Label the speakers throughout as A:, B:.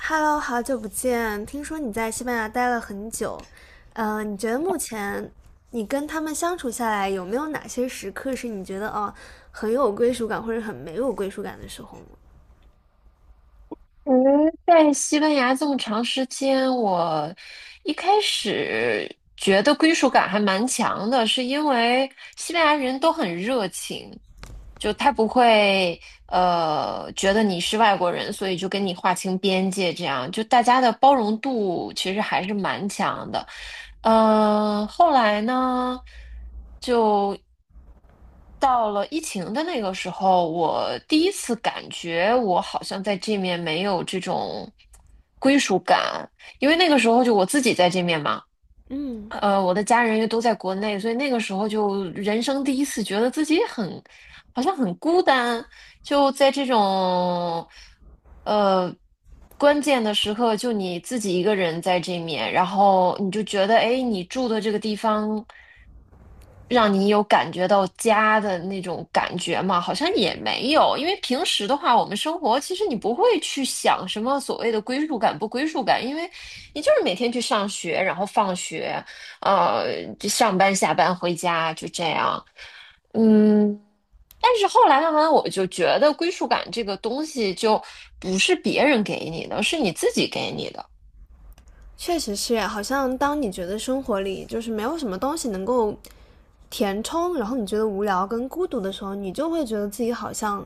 A: Hello，好久不见！听说你在西班牙待了很久，你觉得目前你跟他们相处下来，有没有哪些时刻是你觉得哦很有归属感，或者很没有归属感的时候呢？
B: 嗯，在西班牙这么长时间，我一开始觉得归属感还蛮强的，是因为西班牙人都很热情，就他不会觉得你是外国人，所以就跟你划清边界，这样就大家的包容度其实还是蛮强的。嗯，后来呢，就到了疫情的那个时候，我第一次感觉我好像在这面没有这种归属感，因为那个时候就我自己在这面嘛。
A: 嗯，
B: 我的家人又都在国内，所以那个时候就人生第一次觉得自己很，好像很孤单，就在这种，呃，关键的时刻，就你自己一个人在这面，然后你就觉得，哎，你住的这个地方，让你有感觉到家的那种感觉吗？好像也没有，因为平时的话，我们生活其实你不会去想什么所谓的归属感不归属感，因为你就是每天去上学，然后放学。就上班、下班、回家，就这样。嗯，但是后来慢慢我就觉得归属感这个东西就不是别人给你的，是你自己给你的。
A: 确实是，好像当你觉得生活里就是没有什么东西能够填充，然后你觉得无聊跟孤独的时候，你就会觉得自己好像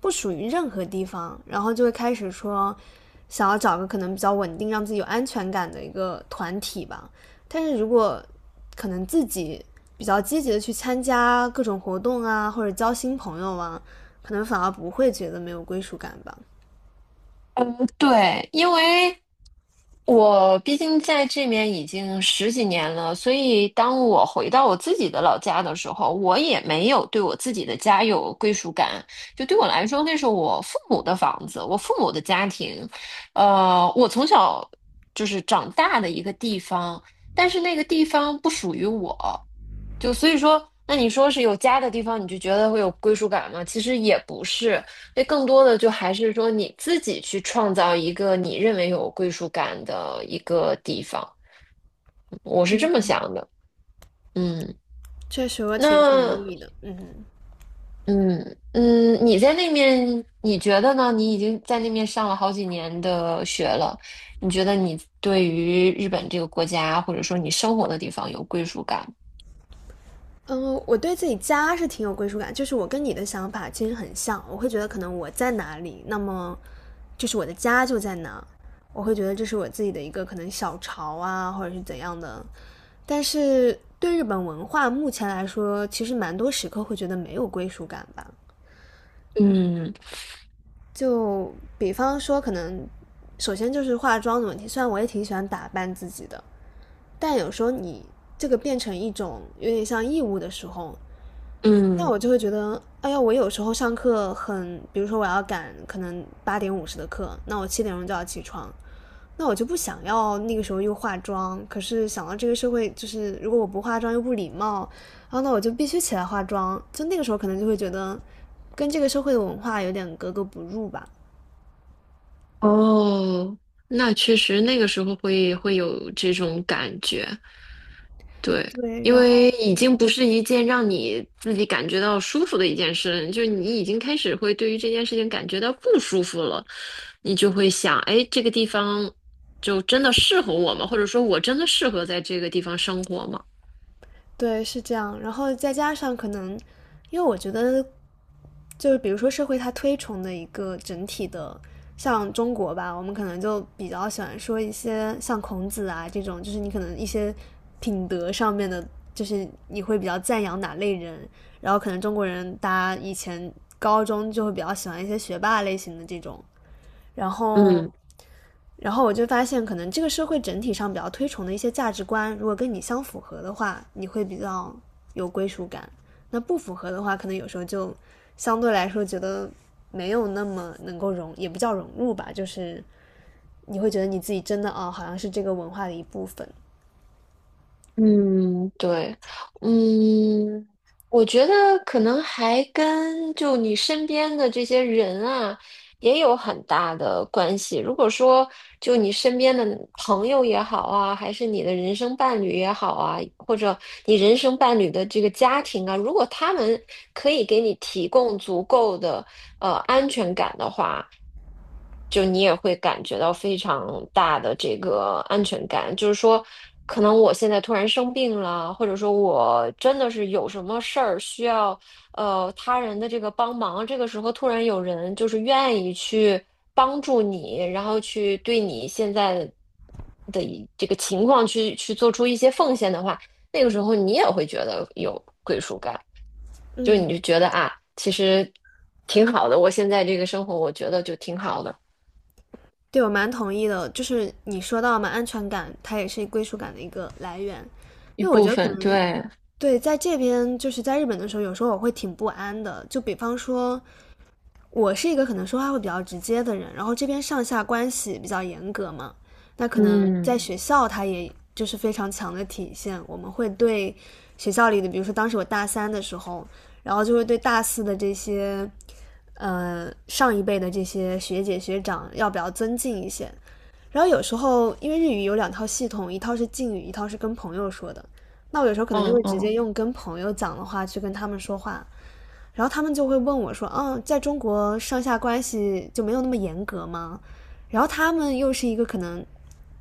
A: 不属于任何地方，然后就会开始说想要找个可能比较稳定、让自己有安全感的一个团体吧。但是如果可能自己比较积极的去参加各种活动啊，或者交新朋友啊，可能反而不会觉得没有归属感吧。
B: 对，因为我毕竟在这边已经十几年了，所以当我回到我自己的老家的时候，我也没有对我自己的家有归属感。就对我来说，那是我父母的房子，我父母的家庭，我从小就是长大的一个地方，但是那个地方不属于我，就所以说，那你说是有家的地方，你就觉得会有归属感吗？其实也不是，那更多的就还是说你自己去创造一个你认为有归属感的一个地方。我是这么想的，嗯，
A: 确实，我挺同
B: 那
A: 意的。嗯。
B: 嗯嗯，你在那面，你觉得呢？你已经在那面上了好几年的学了，你觉得你对于日本这个国家，或者说你生活的地方有归属感吗？
A: 嗯，我对自己家是挺有归属感，就是我跟你的想法其实很像。我会觉得可能我在哪里，那么就是我的家就在哪。我会觉得这是我自己的一个可能小巢啊，或者是怎样的。但是对日本文化目前来说，其实蛮多时刻会觉得没有归属感吧。
B: 嗯
A: 就比方说，可能首先就是化妆的问题，虽然我也挺喜欢打扮自己的，但有时候你这个变成一种有点像义务的时候，那
B: 嗯。
A: 我就会觉得，哎呀，我有时候上课很，比如说我要赶可能8:50的课，那我7点钟就要起床，那我就不想要那个时候又化妆。可是想到这个社会，就是如果我不化妆又不礼貌，然后那我就必须起来化妆。就那个时候可能就会觉得，跟这个社会的文化有点格格不入吧。
B: 哦，那确实那个时候会有这种感觉，对，
A: 对，
B: 因
A: 然后
B: 为已经不是一件让你自己感觉到舒服的一件事，就是你已经开始会对于这件事情感觉到不舒服了，你就会想，哎，这个地方就真的适合我吗？或者说我真的适合在这个地方生活吗？
A: 对是这样，然后再加上可能，因为我觉得就是比如说社会它推崇的一个整体的，像中国吧，我们可能就比较喜欢说一些像孔子啊这种，就是你可能一些品德上面的，就是你会比较赞扬哪类人，然后可能中国人大家以前高中就会比较喜欢一些学霸类型的这种，然后
B: 嗯。
A: 然后我就发现，可能这个社会整体上比较推崇的一些价值观，如果跟你相符合的话，你会比较有归属感；那不符合的话，可能有时候就相对来说觉得没有那么能够融，也不叫融入吧，就是你会觉得你自己真的啊哦，好像是这个文化的一部分。
B: 嗯，对，嗯，我觉得可能还跟就你身边的这些人啊，也有很大的关系。如果说就你身边的朋友也好啊，还是你的人生伴侣也好啊，或者你人生伴侣的这个家庭啊，如果他们可以给你提供足够的安全感的话，就你也会感觉到非常大的这个安全感，就是说，可能我现在突然生病了，或者说我真的是有什么事儿需要他人的这个帮忙，这个时候突然有人就是愿意去帮助你，然后去对你现在的一这个情况去做出一些奉献的话，那个时候你也会觉得有归属感。就是
A: 嗯，
B: 你就觉得啊，其实挺好的，我现在这个生活，我觉得就挺好的。
A: 对我蛮同意的，就是你说到嘛，安全感它也是归属感的一个来源，
B: 一
A: 因为我
B: 部
A: 觉得可
B: 分，
A: 能
B: 对，
A: 对在这边就是在日本的时候，有时候我会挺不安的，就比方说。我是一个可能说话会比较直接的人，然后这边上下关系比较严格嘛，那可能在
B: 嗯
A: 学校它也就是非常强的体现。我们会对学校里的，比如说当时我大三的时候，然后就会对大四的这些上一辈的这些学姐学长要比较尊敬一些。然后有时候因为日语有两套系统，一套是敬语，一套是跟朋友说的。那我有时候可能就
B: 嗯
A: 会直接
B: 嗯
A: 用跟朋友讲的话去跟他们说话，然后他们就会问我说：“嗯，在中国上下关系就没有那么严格吗？”然后他们又是一个可能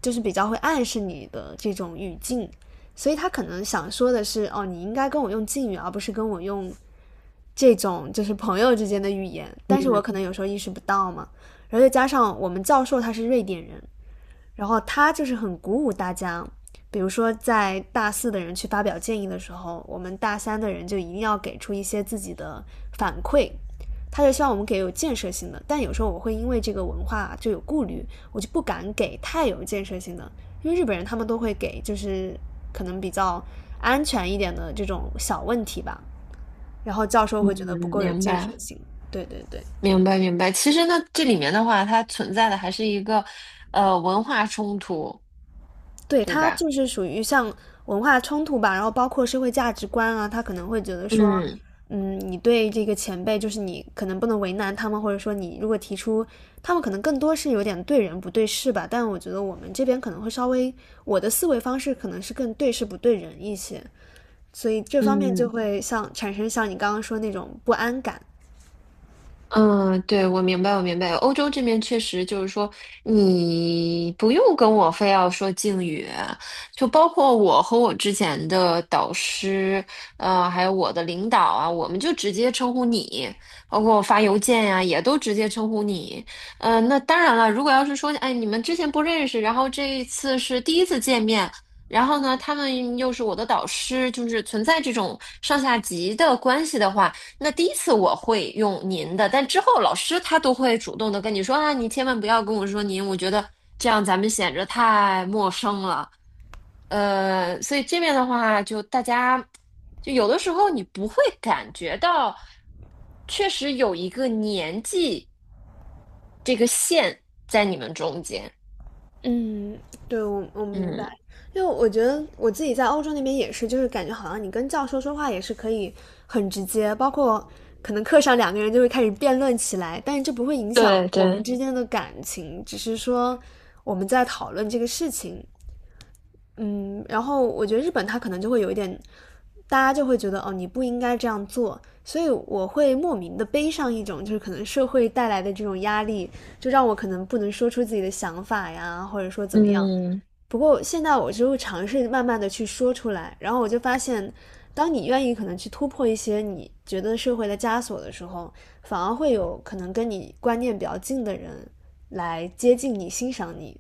A: 就是比较会暗示你的这种语境，所以他可能想说的是：“哦，你应该跟我用敬语，而不是跟我用这种就是朋友之间的语言。”但是我可能有时候意识不到嘛。然后再加上我们教授他是瑞典人，然后他就是很鼓舞大家，比如说在大四的人去发表建议的时候，我们大三的人就一定要给出一些自己的反馈。他就希望我们给有建设性的，但有时候我会因为这个文化就有顾虑，我就不敢给太有建设性的，因为日本人他们都会给就是可能比较安全一点的这种小问题吧，然后教授
B: 嗯，
A: 会觉得不够有
B: 明
A: 建设
B: 白
A: 性。对对对，
B: 明白明白。其实呢，这里面的话，它存在的还是一个文化冲突，
A: 对，
B: 对
A: 他
B: 吧？
A: 就是属于像文化冲突吧，然后包括社会价值观啊，他可能会觉得说，
B: 嗯
A: 嗯，你对这个前辈，就是你可能不能为难他们，或者说你如果提出，他们可能更多是有点对人不对事吧，但我觉得我们这边可能会稍微，我的思维方式可能是更对事不对人一些，所以这方面就
B: 嗯。
A: 会像产生像你刚刚说那种不安感。
B: 嗯，对，我明白，我明白。欧洲这边确实就是说，你不用跟我非要说敬语，就包括我和我之前的导师，还有我的领导啊，我们就直接称呼你，包括我发邮件呀、也都直接称呼你。嗯，那当然了，如果要是说，哎，你们之前不认识，然后这一次是第一次见面。然后呢，他们又是我的导师，就是存在这种上下级的关系的话，那第一次我会用您的，但之后老师他都会主动的跟你说啊，你千万不要跟我说您，我觉得这样咱们显着太陌生了。所以这边的话，就大家就有的时候你不会感觉到，确实有一个年纪这个线在你们中间。
A: 嗯，对，我明
B: 嗯，
A: 白，因为我觉得我自己在欧洲那边也是，就是感觉好像你跟教授说话也是可以很直接，包括可能课上两个人就会开始辩论起来，但是这不会影响
B: 对
A: 我们
B: 对，
A: 之间的感情，只是说我们在讨论这个事情，嗯，然后我觉得日本它可能就会有一点，大家就会觉得哦，你不应该这样做，所以我会莫名的背上一种就是可能社会带来的这种压力，就让我可能不能说出自己的想法呀，或者说怎么样。
B: 嗯。
A: 不过现在我就会尝试慢慢的去说出来，然后我就发现，当你愿意可能去突破一些你觉得社会的枷锁的时候，反而会有可能跟你观念比较近的人来接近你、欣赏你，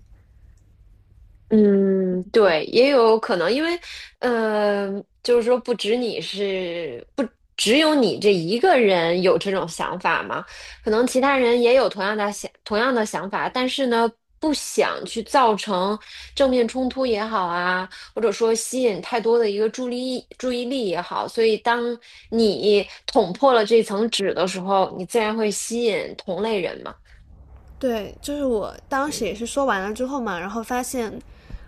B: 嗯，对，也有可能，因为，呃，就是说，不止你是不只有你这一个人有这种想法嘛，可能其他人也有同样的想法，但是呢，不想去造成正面冲突也好啊，或者说吸引太多的一个注意力也好，所以当你捅破了这层纸的时候，你自然会吸引同类人嘛，
A: 对，就是我当时
B: 嗯
A: 也是说完了之后嘛，然后发现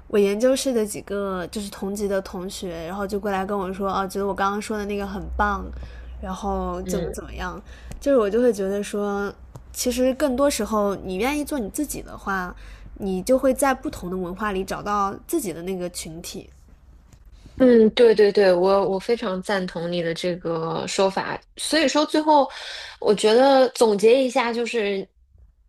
A: 我研究室的几个就是同级的同学，然后就过来跟我说，哦、啊，觉得我刚刚说的那个很棒，然后怎么
B: 嗯
A: 怎么样，就是我就会觉得说，其实更多时候你愿意做你自己的话，你就会在不同的文化里找到自己的那个群体。
B: 嗯，对对对，我非常赞同你的这个说法。所以说，最后我觉得总结一下，就是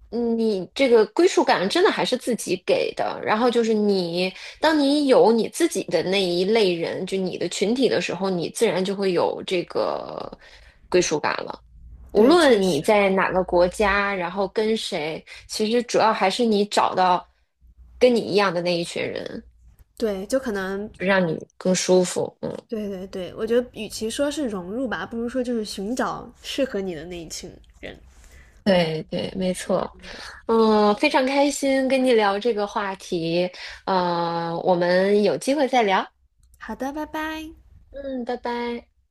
B: 你这个归属感真的还是自己给的。然后就是你，当你有你自己的那一类人，就你的群体的时候，你自然就会有这个归属感了。无
A: 对，确
B: 论你
A: 实，
B: 在哪个国家，然后跟谁，其实主要还是你找到跟你一样的那一群人，
A: 对，就可能，
B: 就让你更舒服。嗯。
A: 对对对，我觉得与其说是融入吧，不如说就是寻找适合你的那一群人。
B: 对对，没
A: 是的，
B: 错，嗯，非常开心跟你聊这个话题，我们有机会再聊，
A: 好的，拜拜。
B: 嗯，拜拜。